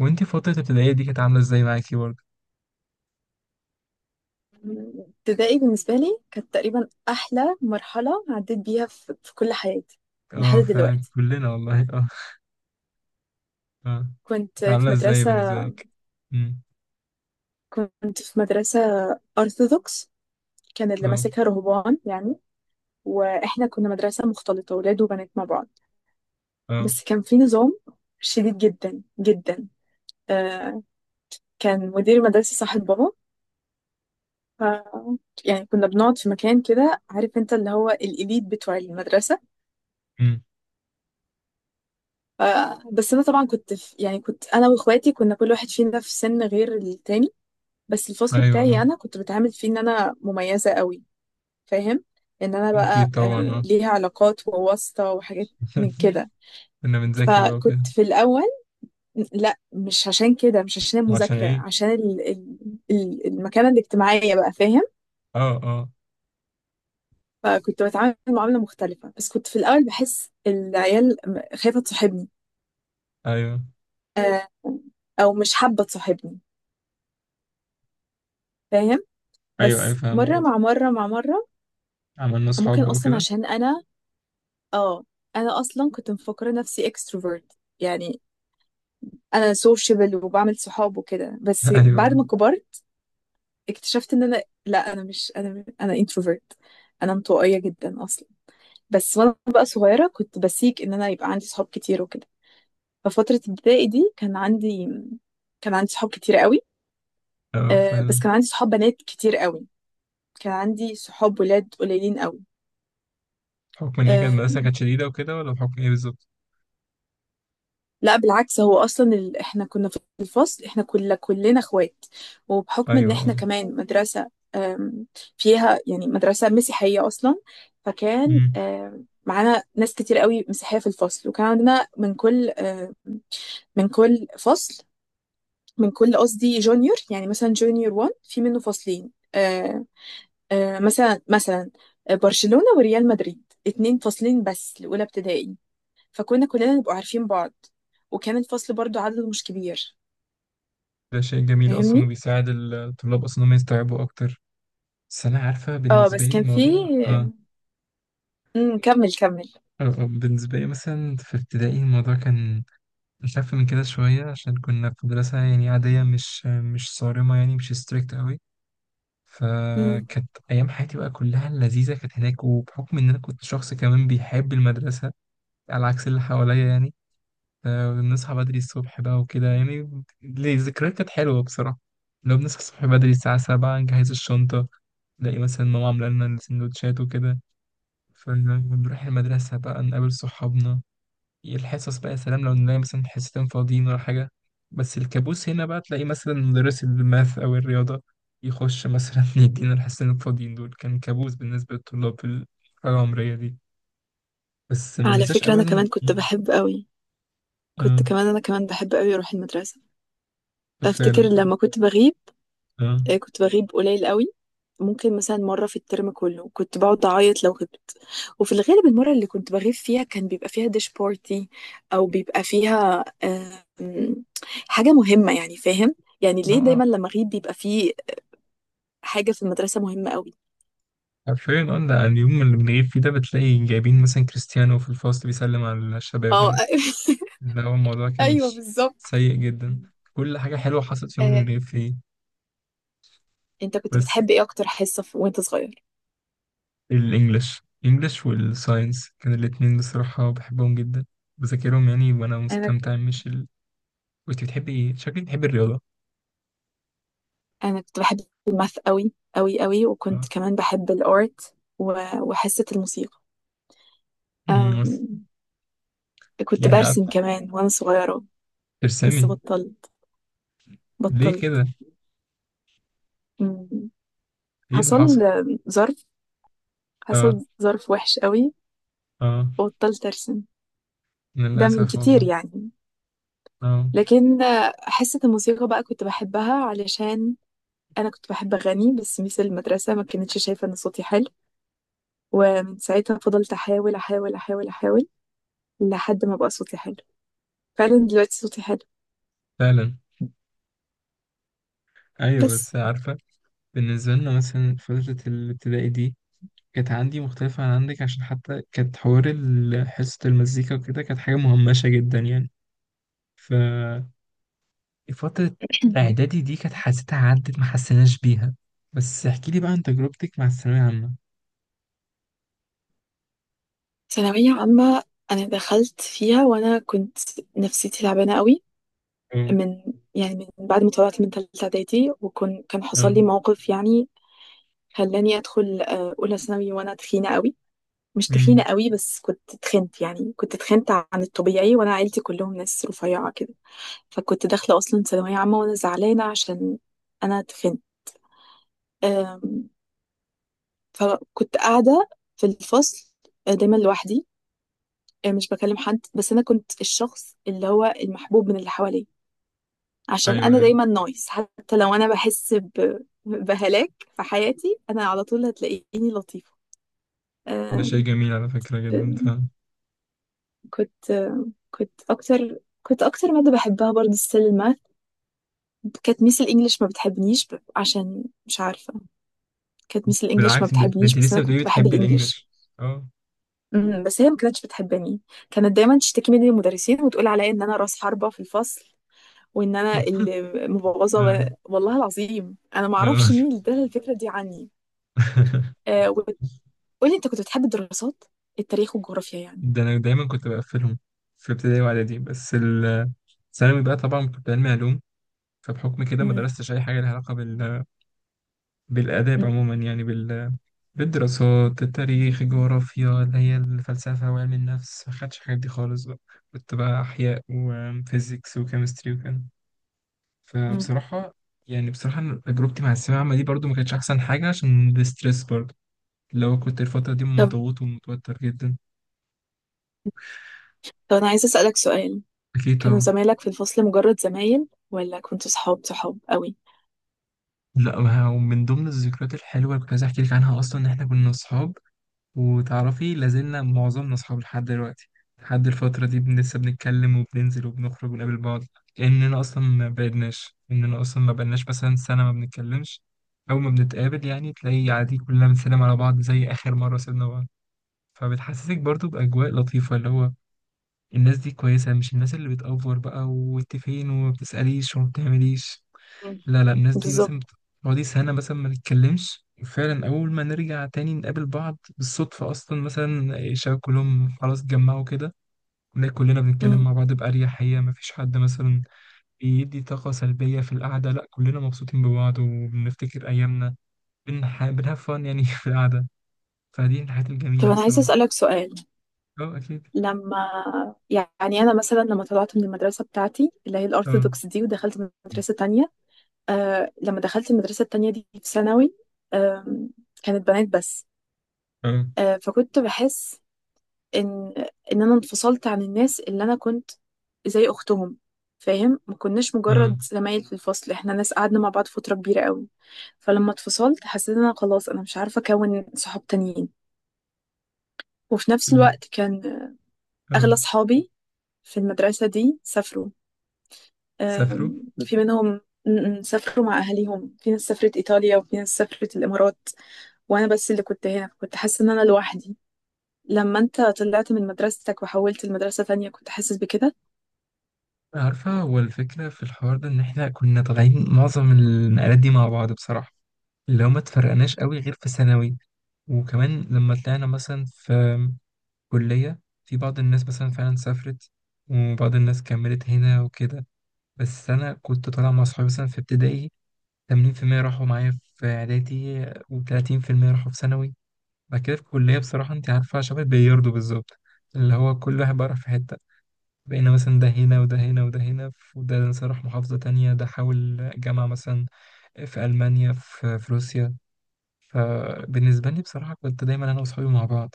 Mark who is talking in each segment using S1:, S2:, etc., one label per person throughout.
S1: وانتي فترة الابتدائية دي كانت عاملة ازاي معاكي برضه؟
S2: ابتدائي بالنسبة لي كانت تقريبا أحلى مرحلة عديت بيها في كل حياتي. لحد
S1: اه، فعلا
S2: دلوقتي.
S1: كلنا والله. اه. اه.
S2: كنت
S1: كانت
S2: في
S1: عاملة ازاي
S2: مدرسة
S1: بالنسبة لك؟ امم.
S2: كنت في مدرسة أرثوذكس. كان اللي
S1: اه.
S2: ماسكها رهبان يعني. وإحنا كنا مدرسة مختلطة ولاد وبنات مع بعض،
S1: اه.
S2: بس كان في نظام شديد جدا جدا. آه كان مدير المدرسة صاحب بابا. ف... يعني كنا بنقعد في مكان كده، عارف انت، اللي هو الإليت بتوع المدرسة.
S1: امم.
S2: ف- بس انا طبعا كنت في يعني كنت انا واخواتي، كنا كل واحد فينا في سن غير التاني، بس الفصل
S1: ايوه،
S2: بتاعي
S1: اه.
S2: انا كنت بتعامل فيه ان انا مميزة قوي، فاهم، ان انا بقى،
S1: اكيد طبعا، اه.
S2: ليها علاقات وواسطة وحاجات من كده.
S1: كنا بنذاكر بقى
S2: فكنت
S1: وكده.
S2: في الاول، لا، مش عشان كده، مش عشان
S1: عشان
S2: المذاكرة،
S1: ايه؟
S2: عشان المكانة الاجتماعية بقى، فاهم.
S1: اه، اه.
S2: فكنت بتعامل معاملة مختلفة، بس كنت في الاول بحس العيال خايفة تصاحبني،
S1: ايوه،
S2: آه، او مش حابة تصاحبني، فاهم.
S1: ايوه، ايوه،
S2: بس مرة
S1: فاهمك.
S2: مع مرة مع مرة.
S1: عملنا
S2: ممكن
S1: اصحاب بقى
S2: أصلا
S1: وكده.
S2: عشان أنا، اه أنا أصلا كنت مفكرة نفسي اكستروفرت يعني. أنا سوشيبل وبعمل صحاب وكده، بس بعد
S1: ايوه،
S2: ما كبرت اكتشفت إن أنا لا، أنا مش، أنا انتروفرت، أنا انطوائية جدا أصلا. بس وأنا بقى صغيرة كنت بسيك إن أنا يبقى عندي صحاب كتير وكده. ففترة ابتدائي دي كان عندي، كان عندي صحاب كتير قوي.
S1: اه،
S2: بس
S1: فعلا.
S2: كان عندي صحاب بنات كتير قوي، كان عندي صحاب ولاد قليلين قوي.
S1: بحكم ان هي كانت
S2: آه،
S1: المدرسة كانت شديدة وكده، ولا بحكم ايه بالظبط؟
S2: لا بالعكس. هو اصلا احنا كنا في الفصل، احنا كلنا اخوات، وبحكم ان
S1: ايوه،
S2: احنا
S1: اه.
S2: كمان مدرسة آم، فيها يعني، مدرسة مسيحية اصلا، فكان
S1: امم.
S2: معانا ناس كتير قوي مسيحية في الفصل، وكان عندنا من كل من كل فصل، من كل قصدي جونيور، يعني مثلا جونيور 1 في منه فصلين. مثلا، برشلونة وريال مدريد، اتنين فاصلين بس لأولى ابتدائي، فكنا كلنا نبقى عارفين بعض، وكان الفصل برضو عدده مش كبير.
S1: ده شيء جميل
S2: فاهمني.
S1: اصلا وبيساعد الطلاب اصلا انهم يستوعبوا اكتر. بس انا عارفة
S2: اه،
S1: بالنسبة
S2: بس
S1: لي
S2: كان في،
S1: موضوع.
S2: كمل كمل.
S1: بالنسبة لي مثلا في ابتدائي الموضوع كان أخف من كده شوية، عشان كنا في مدرسة يعني عادية، مش صارمة، يعني مش ستريكت قوي.
S2: مم.
S1: فكانت أيام حياتي بقى كلها لذيذة كانت هناك، وبحكم إن أنا كنت شخص كمان بيحب المدرسة على عكس اللي حواليا يعني. فبنصحى بدري الصبح بقى وكده يعني. الذكريات كانت حلوة بصراحة. لو بنصحى الصبح بدري الساعة 7، نجهز الشنطة، نلاقي مثلا ماما عاملة لنا السندوتشات وكده، فنروح المدرسة بقى نقابل صحابنا. الحصص بقى يا سلام لو نلاقي مثلا حصتين فاضيين ولا حاجة. بس الكابوس هنا بقى تلاقي مثلا مدرس الماث أو الرياضة يخش مثلا يدينا الحصتين الفاضيين دول. كان كابوس بالنسبة للطلاب في الحالة العمرية دي، بس ما
S2: على
S1: ننساش
S2: فكرة أنا
S1: أبدا.
S2: كمان كنت بحب قوي، كنت
S1: اه.
S2: كمان أنا كمان بحب قوي أروح المدرسة.
S1: آه، فعلا،
S2: أفتكر
S1: اه،
S2: لما كنت بغيب،
S1: اه،
S2: كنت بغيب قليل قوي. ممكن مثلا مرة في الترم كله، كنت بقعد أعيط لو غبت. وفي الغالب المرة اللي كنت بغيب فيها كان بيبقى فيها ديش بارتي، أو بيبقى فيها حاجة مهمة، يعني فاهم، يعني
S1: اه،
S2: ليه
S1: آه.
S2: دايما لما أغيب بيبقى فيه حاجة في المدرسة مهمة قوي.
S1: حرفيا، اه. لا، اليوم اللي بنغيب فيه ده بتلاقي جايبين مثلا كريستيانو في الفصل بيسلم على الشباب
S2: اه.
S1: يعني. لا، هو الموضوع كان
S2: ايوه، بالظبط.
S1: سيء جدا. كل حاجة حلوة حصلت في يوم اللي
S2: آه،
S1: بنغيب فيه.
S2: انت كنت
S1: بس
S2: بتحب ايه اكتر حصة وانت صغير؟
S1: الانجليش، الانجليش والساينس كان الاتنين بصراحة بحبهم جدا، بذاكرهم يعني وانا
S2: انا
S1: مستمتع، مش ال... كنت بتحبي ايه؟ شكلك بتحبي الرياضة.
S2: انا كنت بحب الماث قوي قوي قوي،
S1: اه.
S2: وكنت كمان بحب الارت و- وحصة الموسيقى.
S1: بس
S2: أم... كنت
S1: يعني
S2: برسم
S1: عارفة
S2: كمان وانا صغيرة، بس
S1: ترسمي.
S2: بطلت
S1: ليه
S2: بطلت
S1: كده؟
S2: أم،
S1: ايه اللي
S2: حصل
S1: حصل؟
S2: أم، ظرف
S1: اه،
S2: حصل ظرف وحش قوي
S1: اه.
S2: وبطلت ارسم، ده من
S1: للأسف والله.
S2: كتير يعني.
S1: اه.
S2: لكن حصة الموسيقى بقى كنت بحبها، علشان انا كنت بحب اغني، بس ميس المدرسه ما كانتش شايفه ان صوتي حلو. ومن ساعتها فضلت احاول احاول احاول احاول لحد ما بقى صوتي حلو. فعلا دلوقتي صوتي حلو.
S1: فعلا. ايوه
S2: بس
S1: بس عارفة، بالنسبة لنا مثلا فترة الابتدائي دي كانت عندي مختلفة عن عندك، عشان حتى كانت حوار حصة المزيكا وكده كانت حاجة مهمشة جدا يعني. فترة إعدادي دي كانت حسيتها عدت ما حسيناش بيها. بس احكي لي بقى عن تجربتك مع الثانوية العامة.
S2: ثانوية عامة. أنا دخلت فيها وأنا كنت نفسيتي تعبانة قوي،
S1: اه.
S2: من، يعني من بعد ما طلعت من تالتة إعدادي، وكان حصل
S1: اه.
S2: لي موقف يعني خلاني أدخل أولى ثانوي وأنا تخينة قوي. مش تخينة
S1: امم.
S2: قوي، بس كنت تخنت، يعني كنت تخنت عن الطبيعي، وأنا عيلتي كلهم ناس رفيعة كده. فكنت داخلة أصلا ثانوية عامة وأنا زعلانة عشان أنا اتخنت. أم، فكنت قاعدة في الفصل، دايما لوحدي، مش بكلم حد، بس أنا كنت الشخص اللي هو المحبوب من اللي حواليا، عشان
S1: ايوه،
S2: أنا
S1: ايوه.
S2: دايما نايس، حتى لو أنا بحس بهلاك في حياتي، أنا على طول هتلاقيني لطيفة.
S1: ده شيء
S2: أم،
S1: جميل على فكرة جدا،
S2: أم،
S1: فاهم.
S2: كنت أم، كنت أكتر مادة بحبها برضه السيل الماث. كانت ميس الإنجليش ما بتحبنيش عشان مش عارفة، كانت ميس الانجليش ما
S1: بالعكس، ده
S2: بتحبنيش،
S1: انت
S2: بس
S1: لسه
S2: انا
S1: بتقولي
S2: كنت بحب
S1: بتحبي
S2: الانجليش.
S1: الانجليش. اه،
S2: امم، بس هي ما كانتش بتحبني. كانت دايما تشتكي مني للمدرسين، وتقول عليا ان انا راس حربة في الفصل، وان انا اللي مبوظة.
S1: اه،
S2: و- والله العظيم انا ما اعرفش
S1: اه.
S2: مين اللي ادالها الفكرة دي عني. آه وتقولي انت كنت بتحب الدراسات؟ التاريخ والجغرافيا يعني؟
S1: ده انا دايما كنت بقفلهم في ابتدائي واعدادي، بس ثانوي بقى طبعا كنت علمي علوم. فبحكم كده ما
S2: امم.
S1: درستش اي حاجه لها علاقه بال... بالاداب
S2: امم.
S1: عموما يعني بال... بالدراسات، التاريخ، الجغرافيا، اللي هي الفلسفة وعلم النفس، ما خدتش الحاجات دي خالص بقى. كنت بقى أحياء وفيزيكس وكيمستري وكده.
S2: امم.
S1: فبصراحة يعني، بصراحة أنا تجربتي مع الثانوية العامة دي برضو ما كانتش أحسن حاجة، عشان الاسترس برضو لو كنت الفترة دي
S2: طب
S1: مضغوط ومتوتر جدا.
S2: طب، انا عايزة اسألك سؤال.
S1: أكيد
S2: كانوا
S1: طبعا.
S2: زمايلك في الفصل مجرد زمايل، ولا كنتوا صحاب صحاب قوي؟
S1: لا، ومن ضمن الذكريات الحلوة اللي كنت عايز أحكي لك عنها أصلا إن إحنا كنا أصحاب. وتعرفي لازلنا معظمنا أصحاب لحد دلوقتي. لحد الفترة دي لسه بنتكلم وبننزل وبنخرج ونقابل بعض. إننا أصلا ما بعدناش، إننا أصلا ما بقالناش مثلا سنة ما بنتكلمش. أول ما بنتقابل يعني تلاقي عادي كلنا بنسلم على بعض زي آخر مرة سيبنا بعض. فبتحسسك برضو بأجواء لطيفة اللي هو الناس دي كويسة، مش الناس اللي بتأفور بقى وانت فين، وما بتسأليش وما بتعمليش.
S2: امم.
S1: لا لا، الناس دي
S2: بالظبط.
S1: مثلا بتقعدي سنة مثلا ما نتكلمش، فعلا أول ما نرجع تاني نقابل بعض بالصدفة أصلا مثلا إيه، شباب كلهم خلاص اتجمعوا كده. ونلاقي كلنا بنتكلم
S2: امم.
S1: مع بعض بأريحية، مفيش حد مثلا بيدي طاقة سلبية في القعدة، لا كلنا مبسوطين ببعض وبنفتكر أيامنا. بنهاف فن يعني في القعدة. فدي الحاجات
S2: طب
S1: الجميلة
S2: انا عايزة
S1: بصراحة.
S2: اسألك سؤال.
S1: أه، أكيد.
S2: لما، انا مثلا لما طلعت من المدرسه بتاعتي اللي هي
S1: أه،
S2: الارثوذكس دي، ودخلت مدرسه تانية، لما دخلت المدرسه التانية دي في ثانوي، آم، كانت بنات بس.
S1: أه،
S2: فكنت بحس ان ان انا انفصلت عن الناس اللي انا كنت زي اختهم، فاهم، ما كناش مجرد
S1: أه.
S2: زمايل في الفصل، احنا ناس قعدنا مع بعض فتره كبيره قوي. فلما اتفصلت حسيت ان انا خلاص انا مش عارفه اكون صحاب تانيين. وفي نفس
S1: يجي-
S2: الوقت كان اغلى
S1: أه.
S2: صحابي في المدرسه دي سافروا.
S1: سافروا.
S2: في منهم، م- م، سافروا مع أهاليهم، في ناس سافرت إيطاليا وفي ناس سافرت الإمارات، وأنا بس اللي كنت هنا، كنت حاسة إن أنا لوحدي. لما أنت طلعت من مدرستك وحولت لمدرسة تانية كنت حاسس بكده؟
S1: عارفة، هو الفكرة في الحوار ده إن إحنا كنا طالعين معظم النقلات دي مع بعض بصراحة، اللي هو ما اتفرقناش قوي غير في ثانوي. وكمان لما طلعنا مثلا في كلية، في بعض الناس مثلا فعلا سافرت، وبعض الناس كملت هنا وكده. بس أنا كنت طالع مع صحابي مثلا في ابتدائي 80% راحوا معايا، في إعدادي و30% راحوا في ثانوي. بعد كده في الكلية بصراحة أنت عارفة شبه البلياردو بالظبط، اللي هو كل واحد بقى راح في حتة. بقينا مثلا ده هنا وده هنا وده هنا، وده مثلا راح محافظة تانية، ده حاول جامعة مثلا في ألمانيا، في روسيا. فبالنسبة لي بصراحة كنت دايما أنا وأصحابي مع بعض،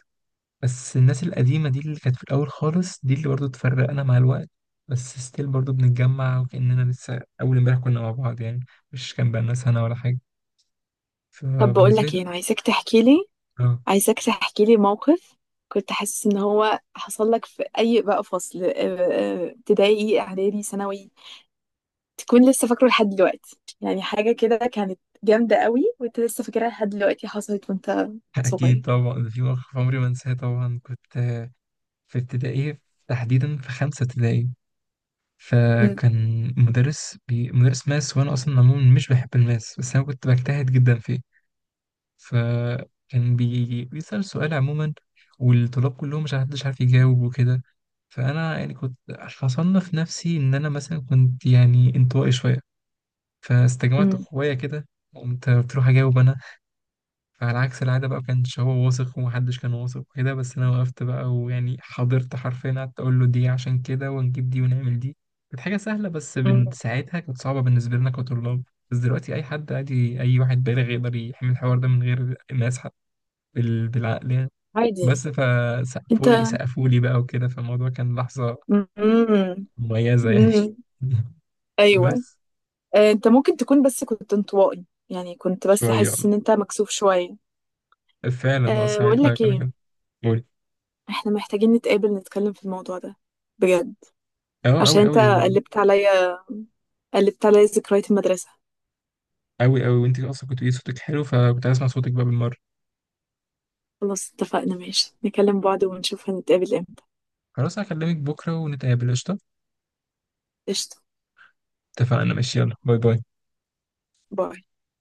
S1: بس الناس القديمة دي اللي كانت في الأول خالص دي اللي برضو اتفرقنا مع الوقت، بس ستيل برضو بنتجمع وكأننا لسه أول امبارح كنا مع بعض يعني، مش كان بقالنا سنة ولا حاجة.
S2: طب بقول
S1: فبالنسبة
S2: لك
S1: لي
S2: إيه، أنا عايزاك تحكي لي،
S1: اه.
S2: عايزاك تحكي لي موقف كنت حاسس إن هو حصل لك في أي بقى فصل، ابتدائي، إعدادي، ثانوي، تكون لسه فاكره لحد دلوقتي، يعني حاجة كده كانت جامدة قوي وأنت لسه فاكرها لحد دلوقتي، حصلت وأنت
S1: أكيد
S2: صغير.
S1: طبعا، في موقف عمري ما أنساه. طبعا كنت في ابتدائي، تحديدا في 5 ابتدائي.
S2: م-
S1: فكان مدرس ماس، وانا اصلا عموما مش بحب الماس، بس انا كنت بجتهد جدا فيه. فكان بيسأل سؤال عموما، والطلاب كلهم مش محدش عارف يجاوب وكده. فانا يعني كنت، فصنف نفسي ان انا مثلا كنت يعني انطوائي شويه. فاستجمعت
S2: م-
S1: قوايا كده، قمت قلت اروح اجاوب انا. فعلى عكس العادة بقى، مكانش هو واثق ومحدش كان واثق وكده، بس أنا وقفت بقى ويعني حضرت، حرفيا قعدت أقول له دي عشان كده ونجيب دي ونعمل دي. كانت حاجة سهلة، بس
S2: م.
S1: بن- ساعتها كانت صعبة بالنسبة لنا كطلاب. بس دلوقتي أي حد عادي، أي واحد بالغ يقدر يحمل الحوار ده من غير ما يسحب بالعقل يعني.
S2: عادي.
S1: بس
S2: انت.
S1: فسقفولي، بقى وكده، فالموضوع كان لحظة
S2: امم.
S1: مميزة يعني.
S2: امم. ايوه.
S1: بس
S2: انت ممكن تكون، بس كنت انطوائي، يعني كنت بس
S1: شوية،
S2: حاسس ان انت مكسوف شويه.
S1: فعلا اه
S2: أه، بقول
S1: ساعتها
S2: لك
S1: كنا
S2: ايه،
S1: كده. قولي.
S2: احنا محتاجين نتقابل نتكلم في الموضوع ده بجد،
S1: اه،
S2: عشان
S1: أوي
S2: انت
S1: أوي
S2: قلبت عليا، قلبت عليا ذكريات المدرسه.
S1: أوي أوي. وأنت أصلا كنت بتقولي صوتك حلو، فكنت عايز أسمع صوتك بقى بالمرة.
S2: خلاص اتفقنا، ماشي، نكلم بعض ونشوف هنتقابل امتى.
S1: خلاص هكلمك بكرة ونتقابل قشطة.
S2: قشطه.
S1: اتفقنا ماشي، يلا باي باي.
S2: باي.